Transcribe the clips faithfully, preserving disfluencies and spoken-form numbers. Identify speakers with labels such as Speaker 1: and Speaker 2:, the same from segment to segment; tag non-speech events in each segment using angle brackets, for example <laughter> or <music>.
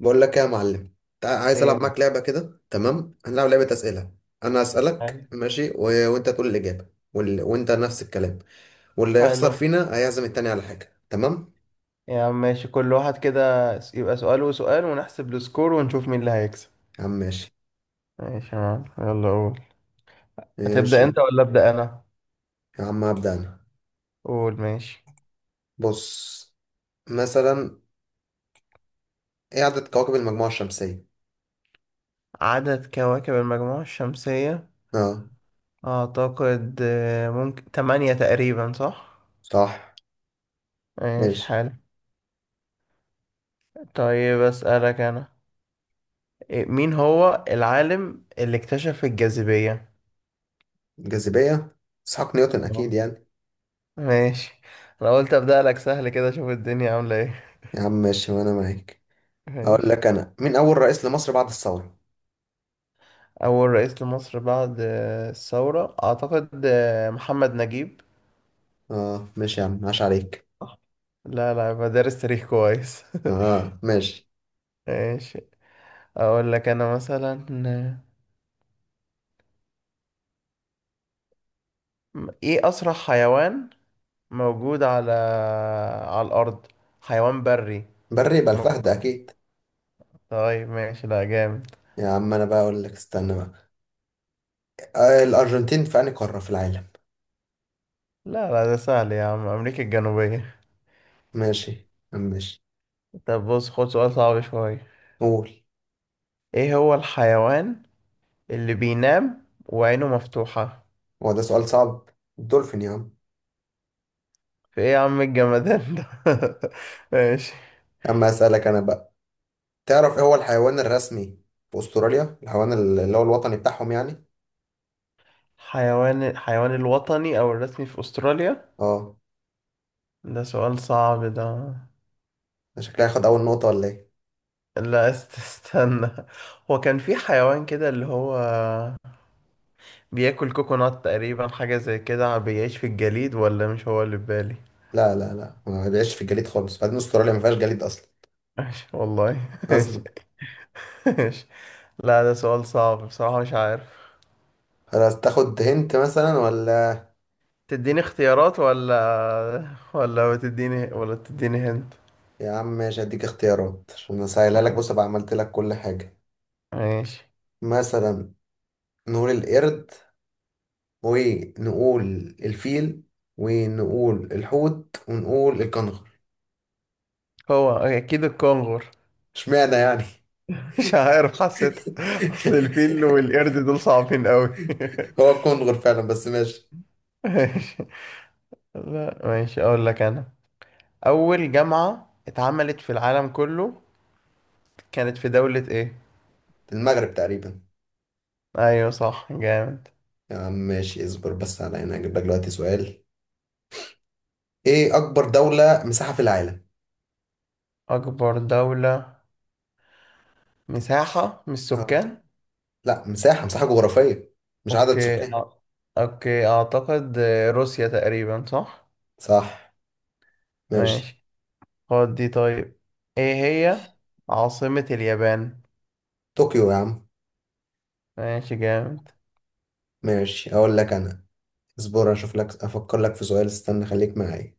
Speaker 1: بقول لك ايه يا معلم. تع- عايز
Speaker 2: ايه
Speaker 1: العب
Speaker 2: يا
Speaker 1: معاك لعبه كده. تمام، هنلعب لعبه اسئله. انا اسالك
Speaker 2: عم؟
Speaker 1: ماشي و... وانت تقول الاجابه، وال... وانت نفس الكلام، واللي يخسر
Speaker 2: حلو.
Speaker 1: فينا هيعزم التاني على حاجه. تمام
Speaker 2: يا عم ماشي، كل واحد كده. س- يبقى سؤال وسؤال ونحسب السكور ونشوف مين اللي هيكسب.
Speaker 1: يا عم؟ ماشي.
Speaker 2: ماشي يا عم، يلا قول. هتبدأ
Speaker 1: ماشي
Speaker 2: انت ولا أبدأ انا؟
Speaker 1: يا عم، هبدا انا.
Speaker 2: قول ماشي.
Speaker 1: بص، مثلا، ايه عدد كواكب المجموعه الشمسيه؟
Speaker 2: عدد كواكب المجموعة الشمسية؟
Speaker 1: اه
Speaker 2: اعتقد آه، ممكن تمانية تقريبا، صح.
Speaker 1: صح
Speaker 2: ماشي،
Speaker 1: ماشي.
Speaker 2: حلو. طيب أسألك انا، إيه، مين هو العالم اللي اكتشف الجاذبية؟
Speaker 1: جاذبيه، اسحاق نيوتن
Speaker 2: اه
Speaker 1: اكيد يعني.
Speaker 2: ماشي. انا قلت أبدأ لك سهل كده، اشوف الدنيا عاملة ايه.
Speaker 1: يا عم ماشي وانا معاك. اقول
Speaker 2: ماشي.
Speaker 1: لك انا، مين اول رئيس لمصر بعد الثوره؟
Speaker 2: أول رئيس لمصر بعد آه، الثورة أعتقد آه، محمد نجيب.
Speaker 1: اه ماشي يا عم، عاش عليك.
Speaker 2: صح. لا لا، بدرس تاريخ كويس.
Speaker 1: اه ماشي.
Speaker 2: <laughs> ماشي. أقول لك أنا مثلا، آه، إيه أسرع حيوان موجود على على الأرض؟ حيوان بري
Speaker 1: بري يبقى
Speaker 2: موجود.
Speaker 1: الفهد اكيد.
Speaker 2: طيب ماشي، لا جامد.
Speaker 1: يا عم انا بقى اقول لك، استنى بقى. آه، الارجنتين في انهي قاره في العالم؟
Speaker 2: لا لا، ده سهل يا عم، أمريكا الجنوبية.
Speaker 1: ماشي ماشي.
Speaker 2: طب بص، خد سؤال صعب شوية.
Speaker 1: قول.
Speaker 2: إيه هو الحيوان اللي بينام وعينه مفتوحة؟
Speaker 1: هو ده سؤال صعب؟ الدولفين يا عم.
Speaker 2: في إيه يا عم الجمدان ده؟ <laughs> ماشي.
Speaker 1: اما اسالك انا بقى، تعرف ايه هو الحيوان الرسمي في استراليا، الحيوان اللي هو الوطني بتاعهم يعني؟
Speaker 2: حيوان حيوان الوطني أو الرسمي في أستراليا؟
Speaker 1: اه.
Speaker 2: ده سؤال صعب ده.
Speaker 1: ده شكلها هياخد اول نقطه ولا ايه؟
Speaker 2: لا، است- استنى. هو كان في حيوان كده اللي هو بياكل كوكونات تقريبا، حاجة زي كده، بيعيش في الجليد، ولا مش هو اللي في بالي؟
Speaker 1: لا لا لا، ما بيعيش في الجليد خالص، بعدين استراليا ما فيهاش جليد اصلا.
Speaker 2: ماشي والله. <laughs> ماشي.
Speaker 1: اصلا.
Speaker 2: ماشي. لا ده سؤال صعب بصراحة، مش عارف.
Speaker 1: خلاص تاخد هنت مثلا ولا؟
Speaker 2: تديني اختيارات ولا ولا تديني ولا تديني هنت؟
Speaker 1: يا عم ماشي، هديك اختيارات عشان اسهلها لك. بص بقى، عملت لك كل حاجه.
Speaker 2: ماشي.
Speaker 1: مثلا نقول القرد، ونقول الفيل، ونقول الحوت، ونقول الكنغر.
Speaker 2: هو أكيد الكونغر.
Speaker 1: اشمعنى يعني؟
Speaker 2: مش عارف، حسيتها. اصل الفيل
Speaker 1: <laughs>
Speaker 2: والقرد دول صعبين قوي. <laughs>
Speaker 1: هو الكنغر فعلا بس ماشي.
Speaker 2: ماشي. لا ماشي، اقول لك انا. اول جامعة اتعملت في العالم كله، كانت في دولة ايه؟
Speaker 1: في المغرب تقريبا.
Speaker 2: ايوه صح، جامد.
Speaker 1: يا عم ماشي، اصبر بس على هنا اجيب لك دلوقتي سؤال. ايه اكبر دولة مساحة في العالم؟
Speaker 2: اكبر دولة مساحة مش
Speaker 1: اه.
Speaker 2: سكان؟
Speaker 1: لا مساحة، مساحة جغرافية، مش عدد
Speaker 2: اوكي
Speaker 1: سكان.
Speaker 2: أ- اوكي، اعتقد آه، روسيا تقريبا، صح.
Speaker 1: صح ماشي.
Speaker 2: ماشي. خد دي طيب، ايه هي عاصمة اليابان؟
Speaker 1: طوكيو يا عم.
Speaker 2: ماشي، جامد.
Speaker 1: ماشي، اقول لك انا. اصبر اشوف لك، افكر لك في سؤال، استنى خليك معايا.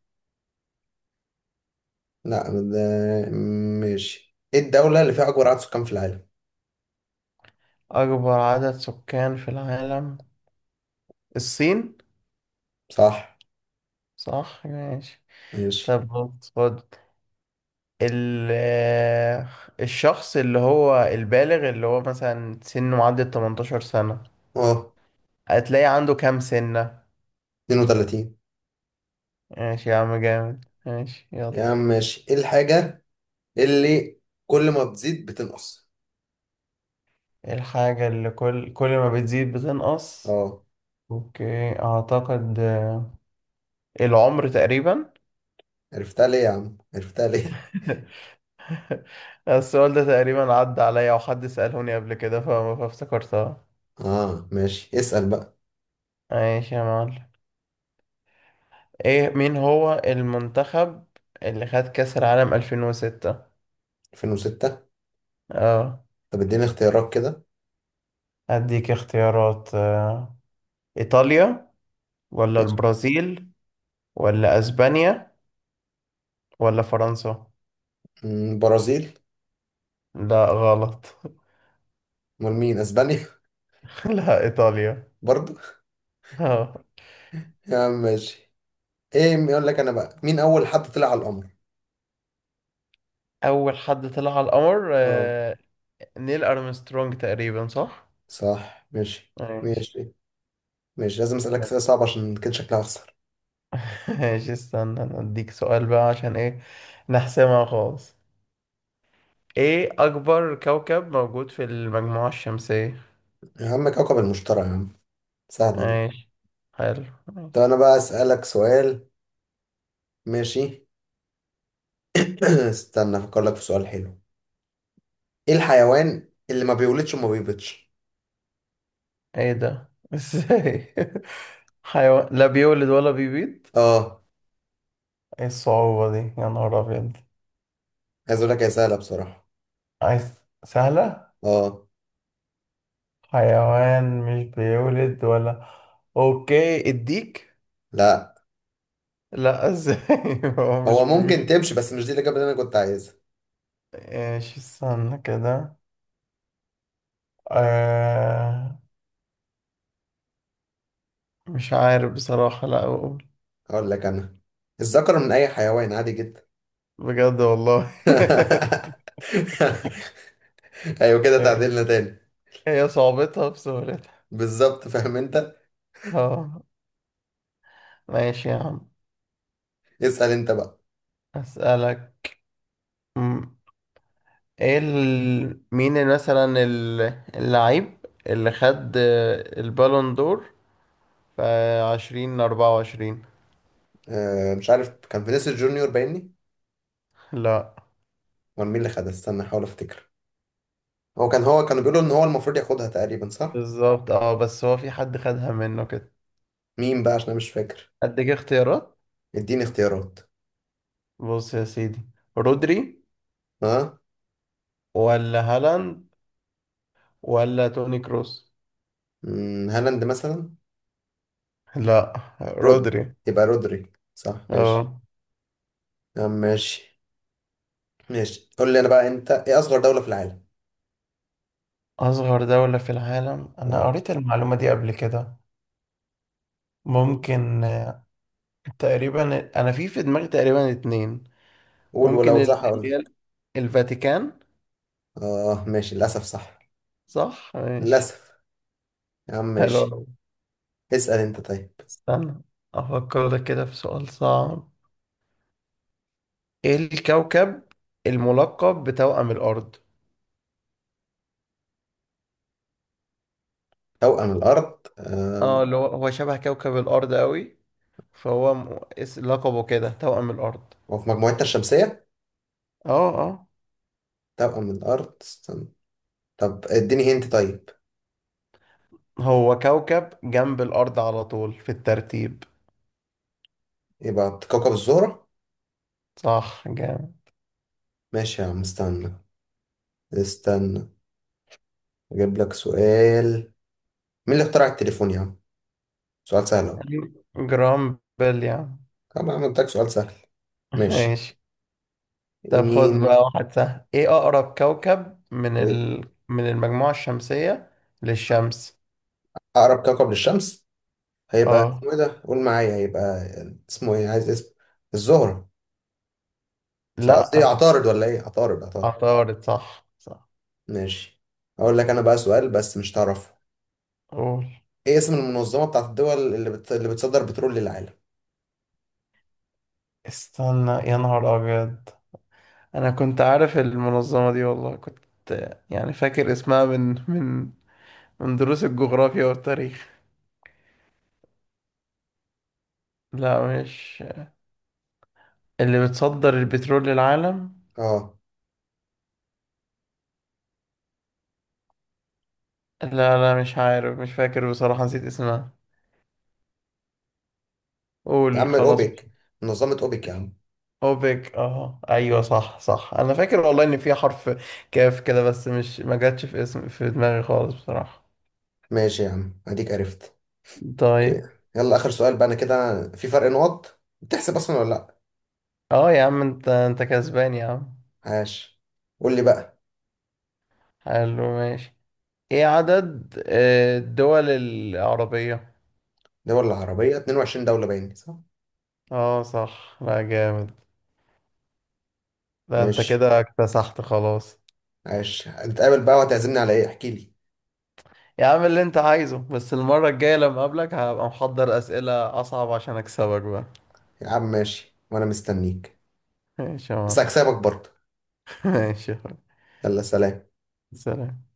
Speaker 1: لا ده، ماشي. ايه الدولة اللي فيها اكبر عدد سكان في العالم؟
Speaker 2: اكبر عدد سكان في العالم، الصين.
Speaker 1: صح
Speaker 2: صح ماشي.
Speaker 1: ماشي.
Speaker 2: طب بص، خد ال الشخص اللي هو البالغ، اللي هو مثلا سنه معدي ال تمنتاشر سنة،
Speaker 1: اه،
Speaker 2: هتلاقي عنده كام سنة؟
Speaker 1: اتنين وتلاتين.
Speaker 2: ماشي يا عم، جامد، ماشي
Speaker 1: يا
Speaker 2: يلا.
Speaker 1: عم ماشي. ايه الحاجة اللي كل ما بتزيد بتنقص؟
Speaker 2: الحاجة اللي كل كل ما بتزيد بتنقص؟
Speaker 1: اه.
Speaker 2: اوكي، اعتقد آه، العمر تقريبا.
Speaker 1: عرفتها ليه يا عم، عرفتها ليه؟
Speaker 2: <laughs> السؤال ده تقريبا عدى عليا، وحد سألهوني قبل كده فما فافتكرتها.
Speaker 1: <laughs> اه ماشي، اسأل بقى.
Speaker 2: ماشي يا معلم، ايه مين هو المنتخب اللي خد كأس العالم ألفين وستة؟
Speaker 1: ألفين وستة.
Speaker 2: اه.
Speaker 1: طب اديني اختيارات كده.
Speaker 2: اديك اختيارات آه. ايطاليا، ولا
Speaker 1: ماشي.
Speaker 2: البرازيل، ولا اسبانيا، ولا فرنسا؟
Speaker 1: مم، برازيل.
Speaker 2: لا غلط.
Speaker 1: امال مين، اسبانيا؟ <laughs>
Speaker 2: <laughs> لا ايطاليا.
Speaker 1: برضو.
Speaker 2: اه.
Speaker 1: يا عم ماشي. ايه، يقول لك انا بقى، مين اول حد طلع على القمر؟
Speaker 2: اول حد طلع على القمر
Speaker 1: اه
Speaker 2: آه. نيل ارمسترونج تقريبا، صح.
Speaker 1: صح ماشي.
Speaker 2: ماشي.
Speaker 1: ماشي. ماشي لازم اسألك اسئلة صعبة، عشان كده شكلها اخسر.
Speaker 2: <laughs> ماشي، استنى أنا اديك سؤال بقى، عشان ايه، نحسمها خالص. ايه اكبر كوكب موجود في المجموعة الشمسية؟
Speaker 1: يا عم كوكب المشتري يا عم، سهلة دي.
Speaker 2: ماشي، حلو،
Speaker 1: طب
Speaker 2: ماشي.
Speaker 1: انا بقى اسألك سؤال. ماشي. <clears throat> استنى افكر لك في سؤال حلو. ايه الحيوان اللي ما بيولدش وما بيبيضش؟
Speaker 2: ايه ده؟ <laughs> ازاي حيوان لا بيولد ولا بيبيض؟
Speaker 1: اه.
Speaker 2: ايه الصعوبة دي يا نهار ابيض؟
Speaker 1: عايز اقول لك، هي سهله بصراحه.
Speaker 2: عايز سهلة.
Speaker 1: اه.
Speaker 2: حيوان مش بيولد ولا، اوكي، الديك.
Speaker 1: لا،
Speaker 2: لا، ازاي. <laughs> هو مش
Speaker 1: هو ممكن
Speaker 2: بيبيض.
Speaker 1: تمشي، بس مش دي الاجابه اللي انا كنت عايزها.
Speaker 2: ايش، استنى كده، آه... مش عارف بصراحة، لا اقول.
Speaker 1: اقول لك انا، الذكر من اي حيوان عادي جدا.
Speaker 2: بجد والله.
Speaker 1: <laughs> ايوه كده،
Speaker 2: <laughs>
Speaker 1: تعديلنا تاني.
Speaker 2: هي صعوبتها بسهولتها.
Speaker 1: بالظبط، فاهم انت.
Speaker 2: اه ماشي يا عم.
Speaker 1: اسال انت بقى.
Speaker 2: اسألك، ايه ال... مين مثلا ال- اللعيب اللي خد البالون دور في عشرين أربعة وعشرين؟
Speaker 1: آه مش عارف، كان فينيسيوس جونيور باينني،
Speaker 2: لا.
Speaker 1: ولا مين اللي خدها؟ استنى احاول افتكر. هو كان هو كانوا بيقولوا ان هو المفروض ياخدها تقريبا، صح؟
Speaker 2: بالظبط، اه، بس هو في حد خدها منه كده.
Speaker 1: مين بقى، عشان انا مش فاكر.
Speaker 2: اديك اختيارات؟
Speaker 1: اديني اختيارات.
Speaker 2: بص يا سيدي، رودري،
Speaker 1: اه.
Speaker 2: ولا هالاند، ولا توني كروس؟
Speaker 1: مم، هالاند مثلا.
Speaker 2: لا،
Speaker 1: رود
Speaker 2: رودري.
Speaker 1: يبقى رودري. صح ماشي.
Speaker 2: اه.
Speaker 1: يا عم ماشي. ماشي، قول لي انا بقى انت، ايه اصغر دولة في العالم؟
Speaker 2: اصغر دولة في العالم، انا
Speaker 1: اه.
Speaker 2: قريت المعلومة دي قبل كده. ممكن آه، تقريبا انا في في دماغي تقريبا اتنين.
Speaker 1: قول،
Speaker 2: ممكن
Speaker 1: ولو
Speaker 2: ال-
Speaker 1: صح اقول
Speaker 2: اللي هي
Speaker 1: لك.
Speaker 2: الفاتيكان.
Speaker 1: اه ماشي، للاسف صح.
Speaker 2: صح ماشي.
Speaker 1: للاسف. يا عم
Speaker 2: حلو
Speaker 1: ماشي.
Speaker 2: أوي.
Speaker 1: اسأل انت طيب.
Speaker 2: استنى، أفكر لك كده في سؤال صعب. إيه الكوكب الملقب بتوأم الأرض؟
Speaker 1: توأم الارض آه.
Speaker 2: اه، اللي هو هو شبه كوكب الأرض أوي، فهو م- اس- لقبه كده توأم الأرض.
Speaker 1: هو في مجموعتنا الشمسية؟
Speaker 2: اه اه.
Speaker 1: توأم الارض، استنى. طب اديني هنت طيب.
Speaker 2: هو كوكب جنب الأرض على طول في الترتيب.
Speaker 1: يبقى كوكب الزهرة.
Speaker 2: صح، جامد.
Speaker 1: ماشي يا عم، استنى استنى، اجيب لك سؤال. مين اللي اخترع التليفون يا عم؟ سؤال سهل اهو.
Speaker 2: جرامبل يعني.
Speaker 1: طب أنا عملتك سؤال سهل.
Speaker 2: <laughs>
Speaker 1: ماشي.
Speaker 2: ماشي. طب خد بقى
Speaker 1: مين؟
Speaker 2: واحد سهل، ايه اقرب كوكب من ال... من المجموعة الشمسية للشمس؟
Speaker 1: أقرب كوكب للشمس، هيبقى
Speaker 2: اه.
Speaker 1: اسمه إيه ده؟ قول معايا، هيبقى اسمه إيه؟ عايز اسم. الزهرة. بس قصدي،
Speaker 2: لا،
Speaker 1: عطارد ولا إيه؟ عطارد، عطارد.
Speaker 2: عطارد. صح صح.
Speaker 1: ماشي. أقول لك أنا بقى سؤال بس مش تعرفه.
Speaker 2: قول.
Speaker 1: إيه اسم المنظمة بتاعت الدول اللي بت... اللي بتصدر بترول للعالم؟
Speaker 2: استنى يا نهار ابيض، انا كنت عارف المنظمة دي والله، كنت يعني فاكر اسمها من من من دروس الجغرافيا والتاريخ. لا مش، اللي بتصدر البترول للعالم.
Speaker 1: أه.
Speaker 2: لا لا، مش عارف، مش فاكر بصراحة، نسيت اسمها.
Speaker 1: يا
Speaker 2: قول
Speaker 1: عم
Speaker 2: خلاص.
Speaker 1: الأوبك، منظمة أوبك يا عم.
Speaker 2: اوبك. اه ايوه، صح صح، انا فاكر والله ان في حرف كاف كده، بس مش ما جاتش في اسم في دماغي خالص بصراحة.
Speaker 1: ماشي يا عم، أديك عرفت. أوكي.
Speaker 2: طيب.
Speaker 1: يلا آخر سؤال بقى، أنا كده في فرق نقط، بتحسب أصلا ولا لأ؟
Speaker 2: اه يا عم، انت انت كسبان يا عم.
Speaker 1: عاش. قول لي بقى.
Speaker 2: حلو ماشي. ايه عدد آه، الدول العربية؟
Speaker 1: دول العربية 22 دولة، باين صح؟
Speaker 2: اه صح، لا جامد. لا انت
Speaker 1: ماشي.
Speaker 2: كده اكتسحت خلاص.
Speaker 1: عاش، هنتقابل بقى وهتعزمني على ايه؟ احكي لي.
Speaker 2: يا عم اللي انت عايزه، بس المرة الجاية لما اقابلك هبقى محضر اسئلة اصعب عشان اكسبك بقى.
Speaker 1: يا عم ماشي، وانا مستنيك.
Speaker 2: ماشي يا
Speaker 1: بس
Speaker 2: معلم.
Speaker 1: هكسبك برضه.
Speaker 2: <laughs> ماشي يا حبيبي.
Speaker 1: يلا سلام.
Speaker 2: سلام.